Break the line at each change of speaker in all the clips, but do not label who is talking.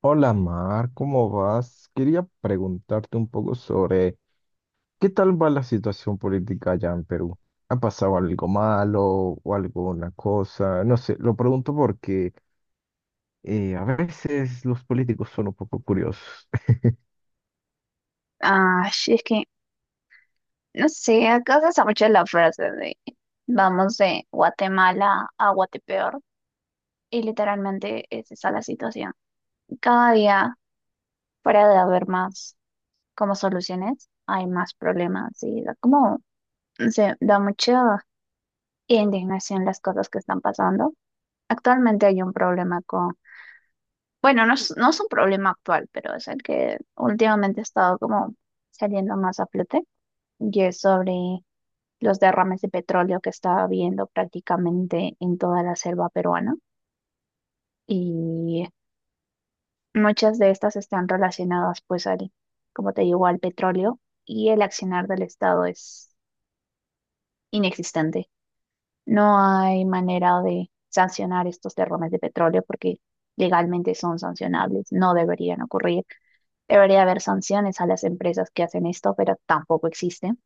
Hola Mar, ¿cómo vas? Quería preguntarte un poco sobre qué tal va la situación política allá en Perú. ¿Ha pasado algo malo o alguna cosa? No sé, lo pregunto porque a veces los políticos son un poco curiosos.
Ah, sí, es que, no sé, acá se usa mucho la frase de vamos de Guatemala a Guatepeor y literalmente es esa la situación. Cada día, fuera de haber más como soluciones, hay más problemas y da como, no sé, da mucha indignación las cosas que están pasando. Actualmente hay un problema con, bueno, no es un problema actual, pero es el que últimamente ha estado como saliendo más a flote y es sobre los derrames de petróleo que estaba habiendo prácticamente en toda la selva peruana. Y muchas de estas están relacionadas, pues, al, como te digo, al petróleo y el accionar del Estado es inexistente. No hay manera de sancionar estos derrames de petróleo porque legalmente son sancionables, no deberían ocurrir. Debería haber sanciones a las empresas que hacen esto, pero tampoco existen.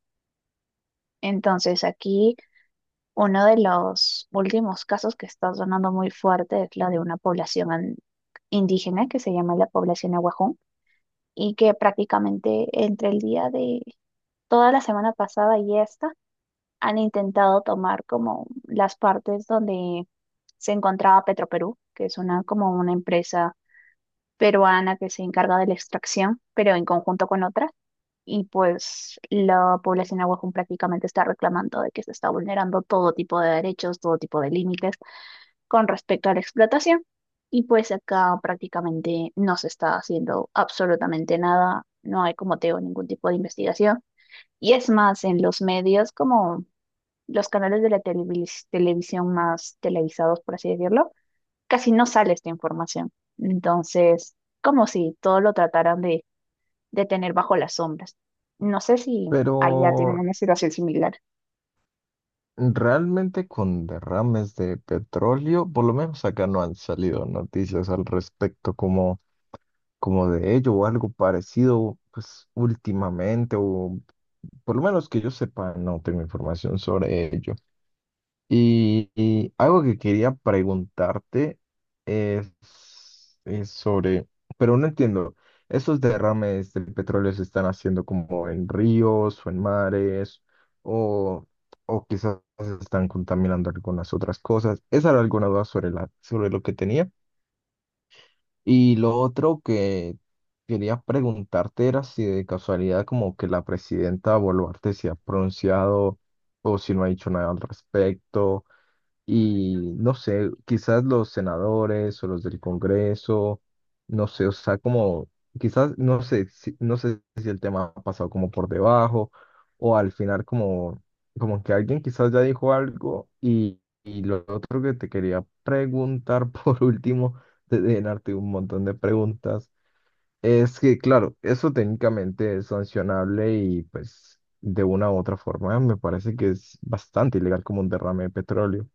Entonces, aquí. Uno de los últimos casos que está sonando muy fuerte es la de una población indígena que se llama la población Aguajón, y que prácticamente entre el día de toda la semana pasada y esta han intentado tomar como las partes donde se encontraba Petroperú, que es una como una empresa peruana que se encarga de la extracción, pero en conjunto con otra. Y pues la población Aguajón prácticamente está reclamando de que se está vulnerando todo tipo de derechos, todo tipo de límites con respecto a la explotación. Y pues acá prácticamente no se está haciendo absolutamente nada, no hay como te digo ningún tipo de investigación. Y es más, en los medios como los canales de la televisión más televisados, por así decirlo, casi no sale esta información. Entonces, como si todo lo trataran de tener bajo las sombras. No sé si
Pero
allá tienen una situación similar.
realmente con derrames de petróleo, por lo menos acá no han salido noticias al respecto como de ello o algo parecido, pues últimamente, o por lo menos que yo sepa, no tengo información sobre ello. Y algo que quería preguntarte es, es sobre, pero no entiendo, ¿esos derrames del petróleo se están haciendo como en ríos o en mares o, o quizás están contaminando algunas otras cosas? Esa era alguna duda sobre sobre lo que tenía. Y lo otro que quería preguntarte era si de casualidad como que la presidenta Boluarte se ha pronunciado o si no ha dicho nada al respecto y no sé, quizás los senadores o los del Congreso, no sé, o sea, como, quizás, no sé, si, no sé si el tema ha pasado como por debajo o al final como, como que alguien quizás ya dijo algo y lo otro que te quería preguntar por último, de llenarte un montón de preguntas, es que, claro, eso técnicamente es sancionable y pues de una u otra forma me parece que es bastante ilegal como un derrame de petróleo.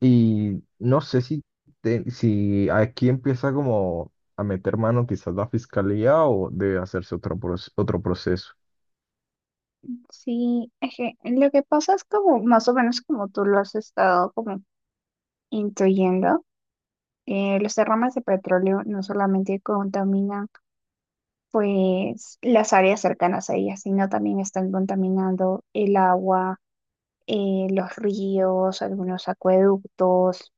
Y no sé si, si aquí empieza como a meter mano quizás la fiscalía o debe hacerse otro, otro proceso.
Sí, es que lo que pasa es como más o menos como tú lo has estado como intuyendo. Los derrames de petróleo no solamente contaminan pues las áreas cercanas a ellas, sino también están contaminando el agua, los ríos, algunos acueductos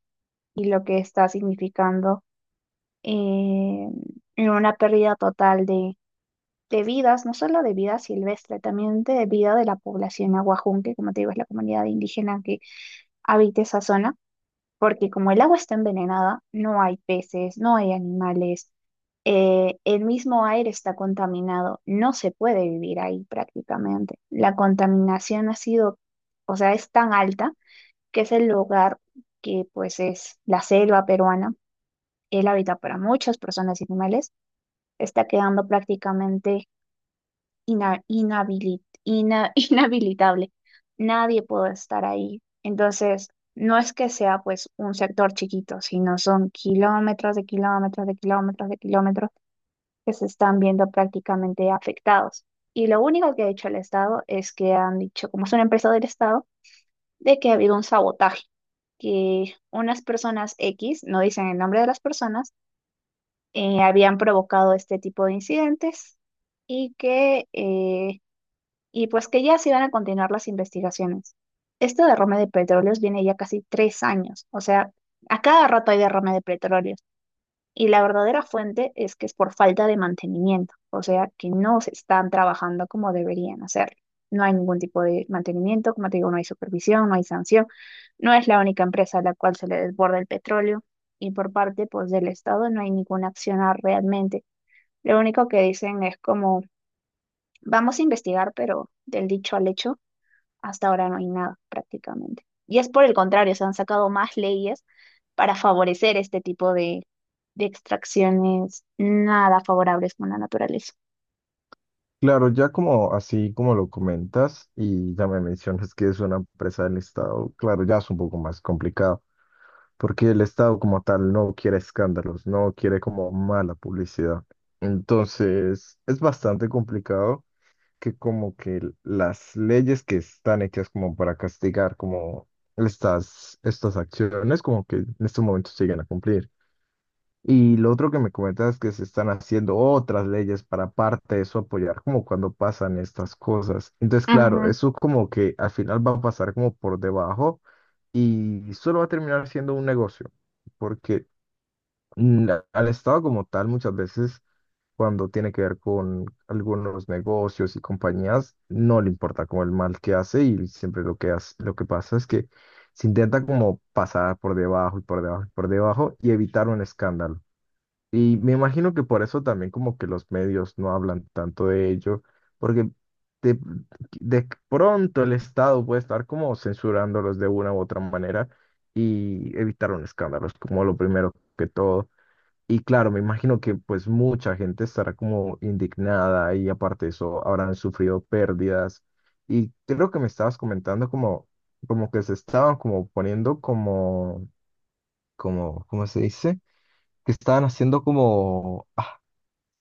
y lo que está significando, eh, una pérdida total de vidas, no solo de vida silvestre, también de vida de la población aguajún, que como te digo es la comunidad indígena que habita esa zona, porque como el agua está envenenada, no hay peces, no hay animales, el mismo aire está contaminado, no se puede vivir ahí prácticamente. La contaminación ha sido, o sea, es tan alta, que es el lugar que pues es la selva peruana, el hábitat para muchas personas y animales, está quedando prácticamente inhabilitable. Nadie puede estar ahí. Entonces, no es que sea pues un sector chiquito, sino son kilómetros de kilómetros de kilómetros de kilómetros que se están viendo prácticamente afectados. Y lo único que ha hecho el Estado es que han dicho, como es una empresa del Estado, de que ha habido un sabotaje, que unas personas X, no dicen el nombre de las personas, habían provocado este tipo de incidentes, y que eh, y pues que ya se iban a continuar las investigaciones. Este derrame de petróleos viene ya casi 3 años, o sea, a cada rato hay derrame de petróleos, y la verdadera fuente es que es por falta de mantenimiento, o sea, que no se están trabajando como deberían hacerlo. No hay ningún tipo de mantenimiento, como te digo, no hay supervisión, no hay sanción, no es la única empresa a la cual se le desborda el petróleo, y por parte pues del Estado no hay ninguna acción realmente. Lo único que dicen es como, vamos a investigar, pero del dicho al hecho hasta ahora no hay nada prácticamente. Y es por el contrario, se han sacado más leyes para favorecer este tipo de extracciones nada favorables con la naturaleza.
Claro, ya como así como lo comentas y ya me mencionas que es una empresa del Estado, claro, ya es un poco más complicado, porque el Estado como tal no quiere escándalos, no quiere como mala publicidad. Entonces, es bastante complicado. Que como que las leyes que están hechas como para castigar como estas acciones como que en estos momentos siguen a cumplir. Y lo otro que me comentas es que se están haciendo otras leyes para aparte de eso apoyar como cuando pasan estas cosas. Entonces, claro,
Ujú.
eso como que al final va a pasar como por debajo y solo va a terminar siendo un negocio, porque al Estado como tal muchas veces cuando tiene que ver con algunos negocios y compañías, no le importa como el mal que hace y siempre lo que hace, lo que pasa es que se intenta como pasar por debajo y por debajo y por debajo y evitar un escándalo. Y me imagino que por eso también como que los medios no hablan tanto de ello, porque de, de pronto el Estado puede estar como censurándolos de una u otra manera y evitar un escándalo, es como lo primero que todo. Y claro, me imagino que pues mucha gente estará como indignada y aparte de eso habrán sufrido pérdidas. Y creo que me estabas comentando como que se estaban como poniendo como, como, ¿cómo se dice? Que estaban haciendo como, ah,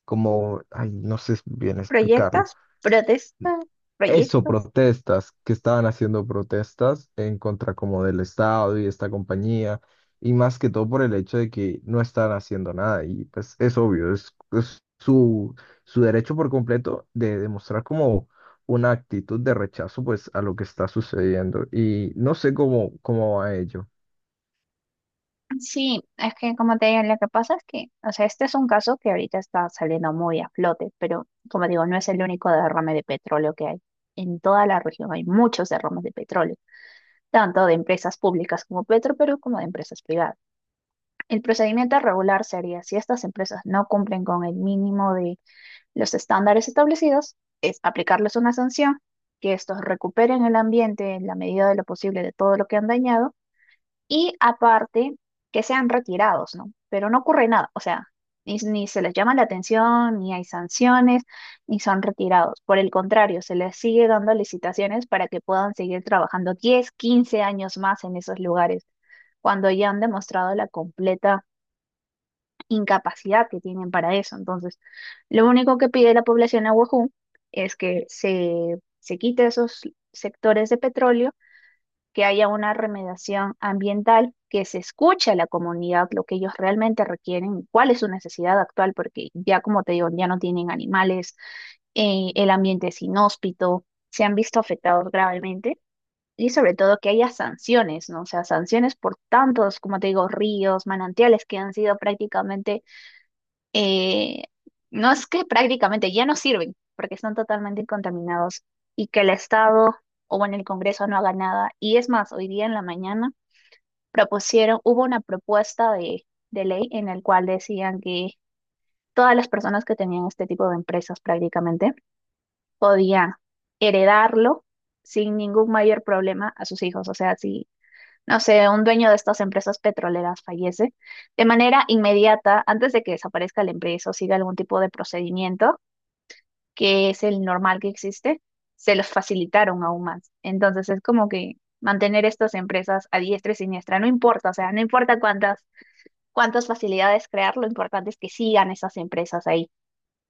como, ay, no sé bien explicarlo.
¿Proyectas? ¿Protestas?
Eso,
¿Proyectos?
protestas, que estaban haciendo protestas en contra como del Estado y esta compañía, y más que todo por el hecho de que no estaban haciendo nada, y pues es obvio, es su, su derecho por completo de demostrar como una actitud de rechazo pues a lo que está sucediendo, y no sé cómo, cómo va ello.
Sí, es que como te digo, lo que pasa es que, o sea, este es un caso que ahorita está saliendo muy a flote, pero como digo, no es el único derrame de petróleo que hay. En toda la región hay muchos derrames de petróleo, tanto de empresas públicas como Petro, pero como de empresas privadas. El procedimiento regular sería, si estas empresas no cumplen con el mínimo de los estándares establecidos, es aplicarles una sanción, que estos recuperen el ambiente en la medida de lo posible de todo lo que han dañado, y aparte que sean retirados, ¿no? Pero no ocurre nada, o sea, ni se les llama la atención, ni hay sanciones, ni son retirados. Por el contrario, se les sigue dando licitaciones para que puedan seguir trabajando 10, 15 años más en esos lugares, cuando ya han demostrado la completa incapacidad que tienen para eso. Entonces, lo único que pide la población de Oahu es que se quite esos sectores de petróleo, que haya una remediación ambiental, que se escuche a la comunidad lo que ellos realmente requieren, cuál es su necesidad actual, porque ya como te digo, ya no tienen animales, el ambiente es inhóspito, se han visto afectados gravemente. Y sobre todo que haya sanciones, ¿no? O sea, sanciones por tantos, como te digo, ríos, manantiales que han sido prácticamente, eh, no es que prácticamente ya no sirven porque están totalmente contaminados, y que el Estado, o bueno, el Congreso no haga nada. Y es más, hoy día en la mañana propusieron, hubo una propuesta de ley en el cual decían que todas las personas que tenían este tipo de empresas prácticamente podían heredarlo sin ningún mayor problema a sus hijos. O sea, si no sé, un dueño de estas empresas petroleras fallece, de manera inmediata, antes de que desaparezca la empresa o siga algún tipo de procedimiento, que es el normal que existe, se los facilitaron aún más. Entonces es como que mantener estas empresas a diestra y siniestra, no importa, o sea, no importa cuántas facilidades crear, lo importante es que sigan esas empresas ahí.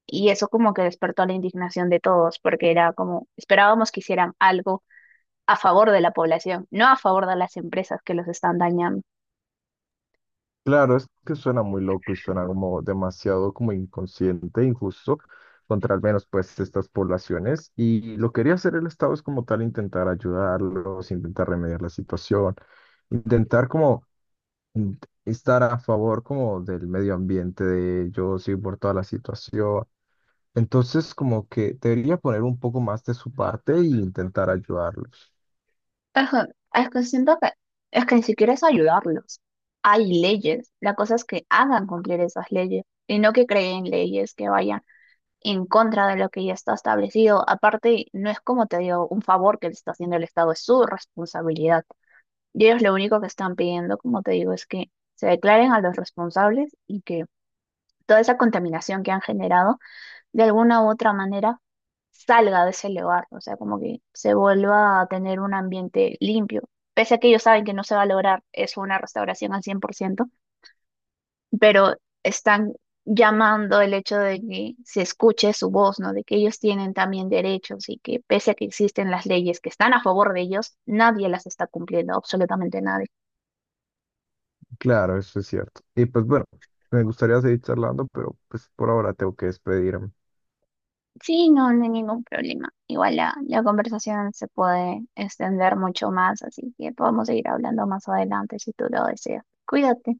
Y eso como que despertó la indignación de todos, porque era como, esperábamos que hicieran algo a favor de la población, no a favor de las empresas que los están dañando.
Claro, es que suena muy loco y suena como demasiado como inconsciente, injusto contra al menos pues estas poblaciones. Y lo que quería hacer el Estado es como tal intentar ayudarlos, intentar remediar la situación, intentar como in- estar a favor como del medio ambiente de ellos y por toda la situación. Entonces como que debería poner un poco más de su parte e intentar ayudarlos.
Es que, es que siento que es que ni siquiera es ayudarlos. Hay leyes. La cosa es que hagan cumplir esas leyes y no que creen leyes que vayan en contra de lo que ya está establecido. Aparte, no es como te digo, un favor que le está haciendo el Estado, es su responsabilidad. Y ellos lo único que están pidiendo, como te digo, es que se declaren a los responsables y que toda esa contaminación que han generado, de alguna u otra manera, salga de ese lugar, o sea, como que se vuelva a tener un ambiente limpio. Pese a que ellos saben que no se va a lograr eso, una restauración al 100%, pero están llamando el hecho de que se escuche su voz, ¿no? De que ellos tienen también derechos, y que pese a que existen las leyes que están a favor de ellos, nadie las está cumpliendo, absolutamente nadie.
Claro, eso es cierto. Y pues bueno, me gustaría seguir charlando, pero pues por ahora tengo que despedirme.
Sí, no, no hay ningún problema. Igual la conversación se puede extender mucho más, así que podemos seguir hablando más adelante si tú lo deseas. Cuídate.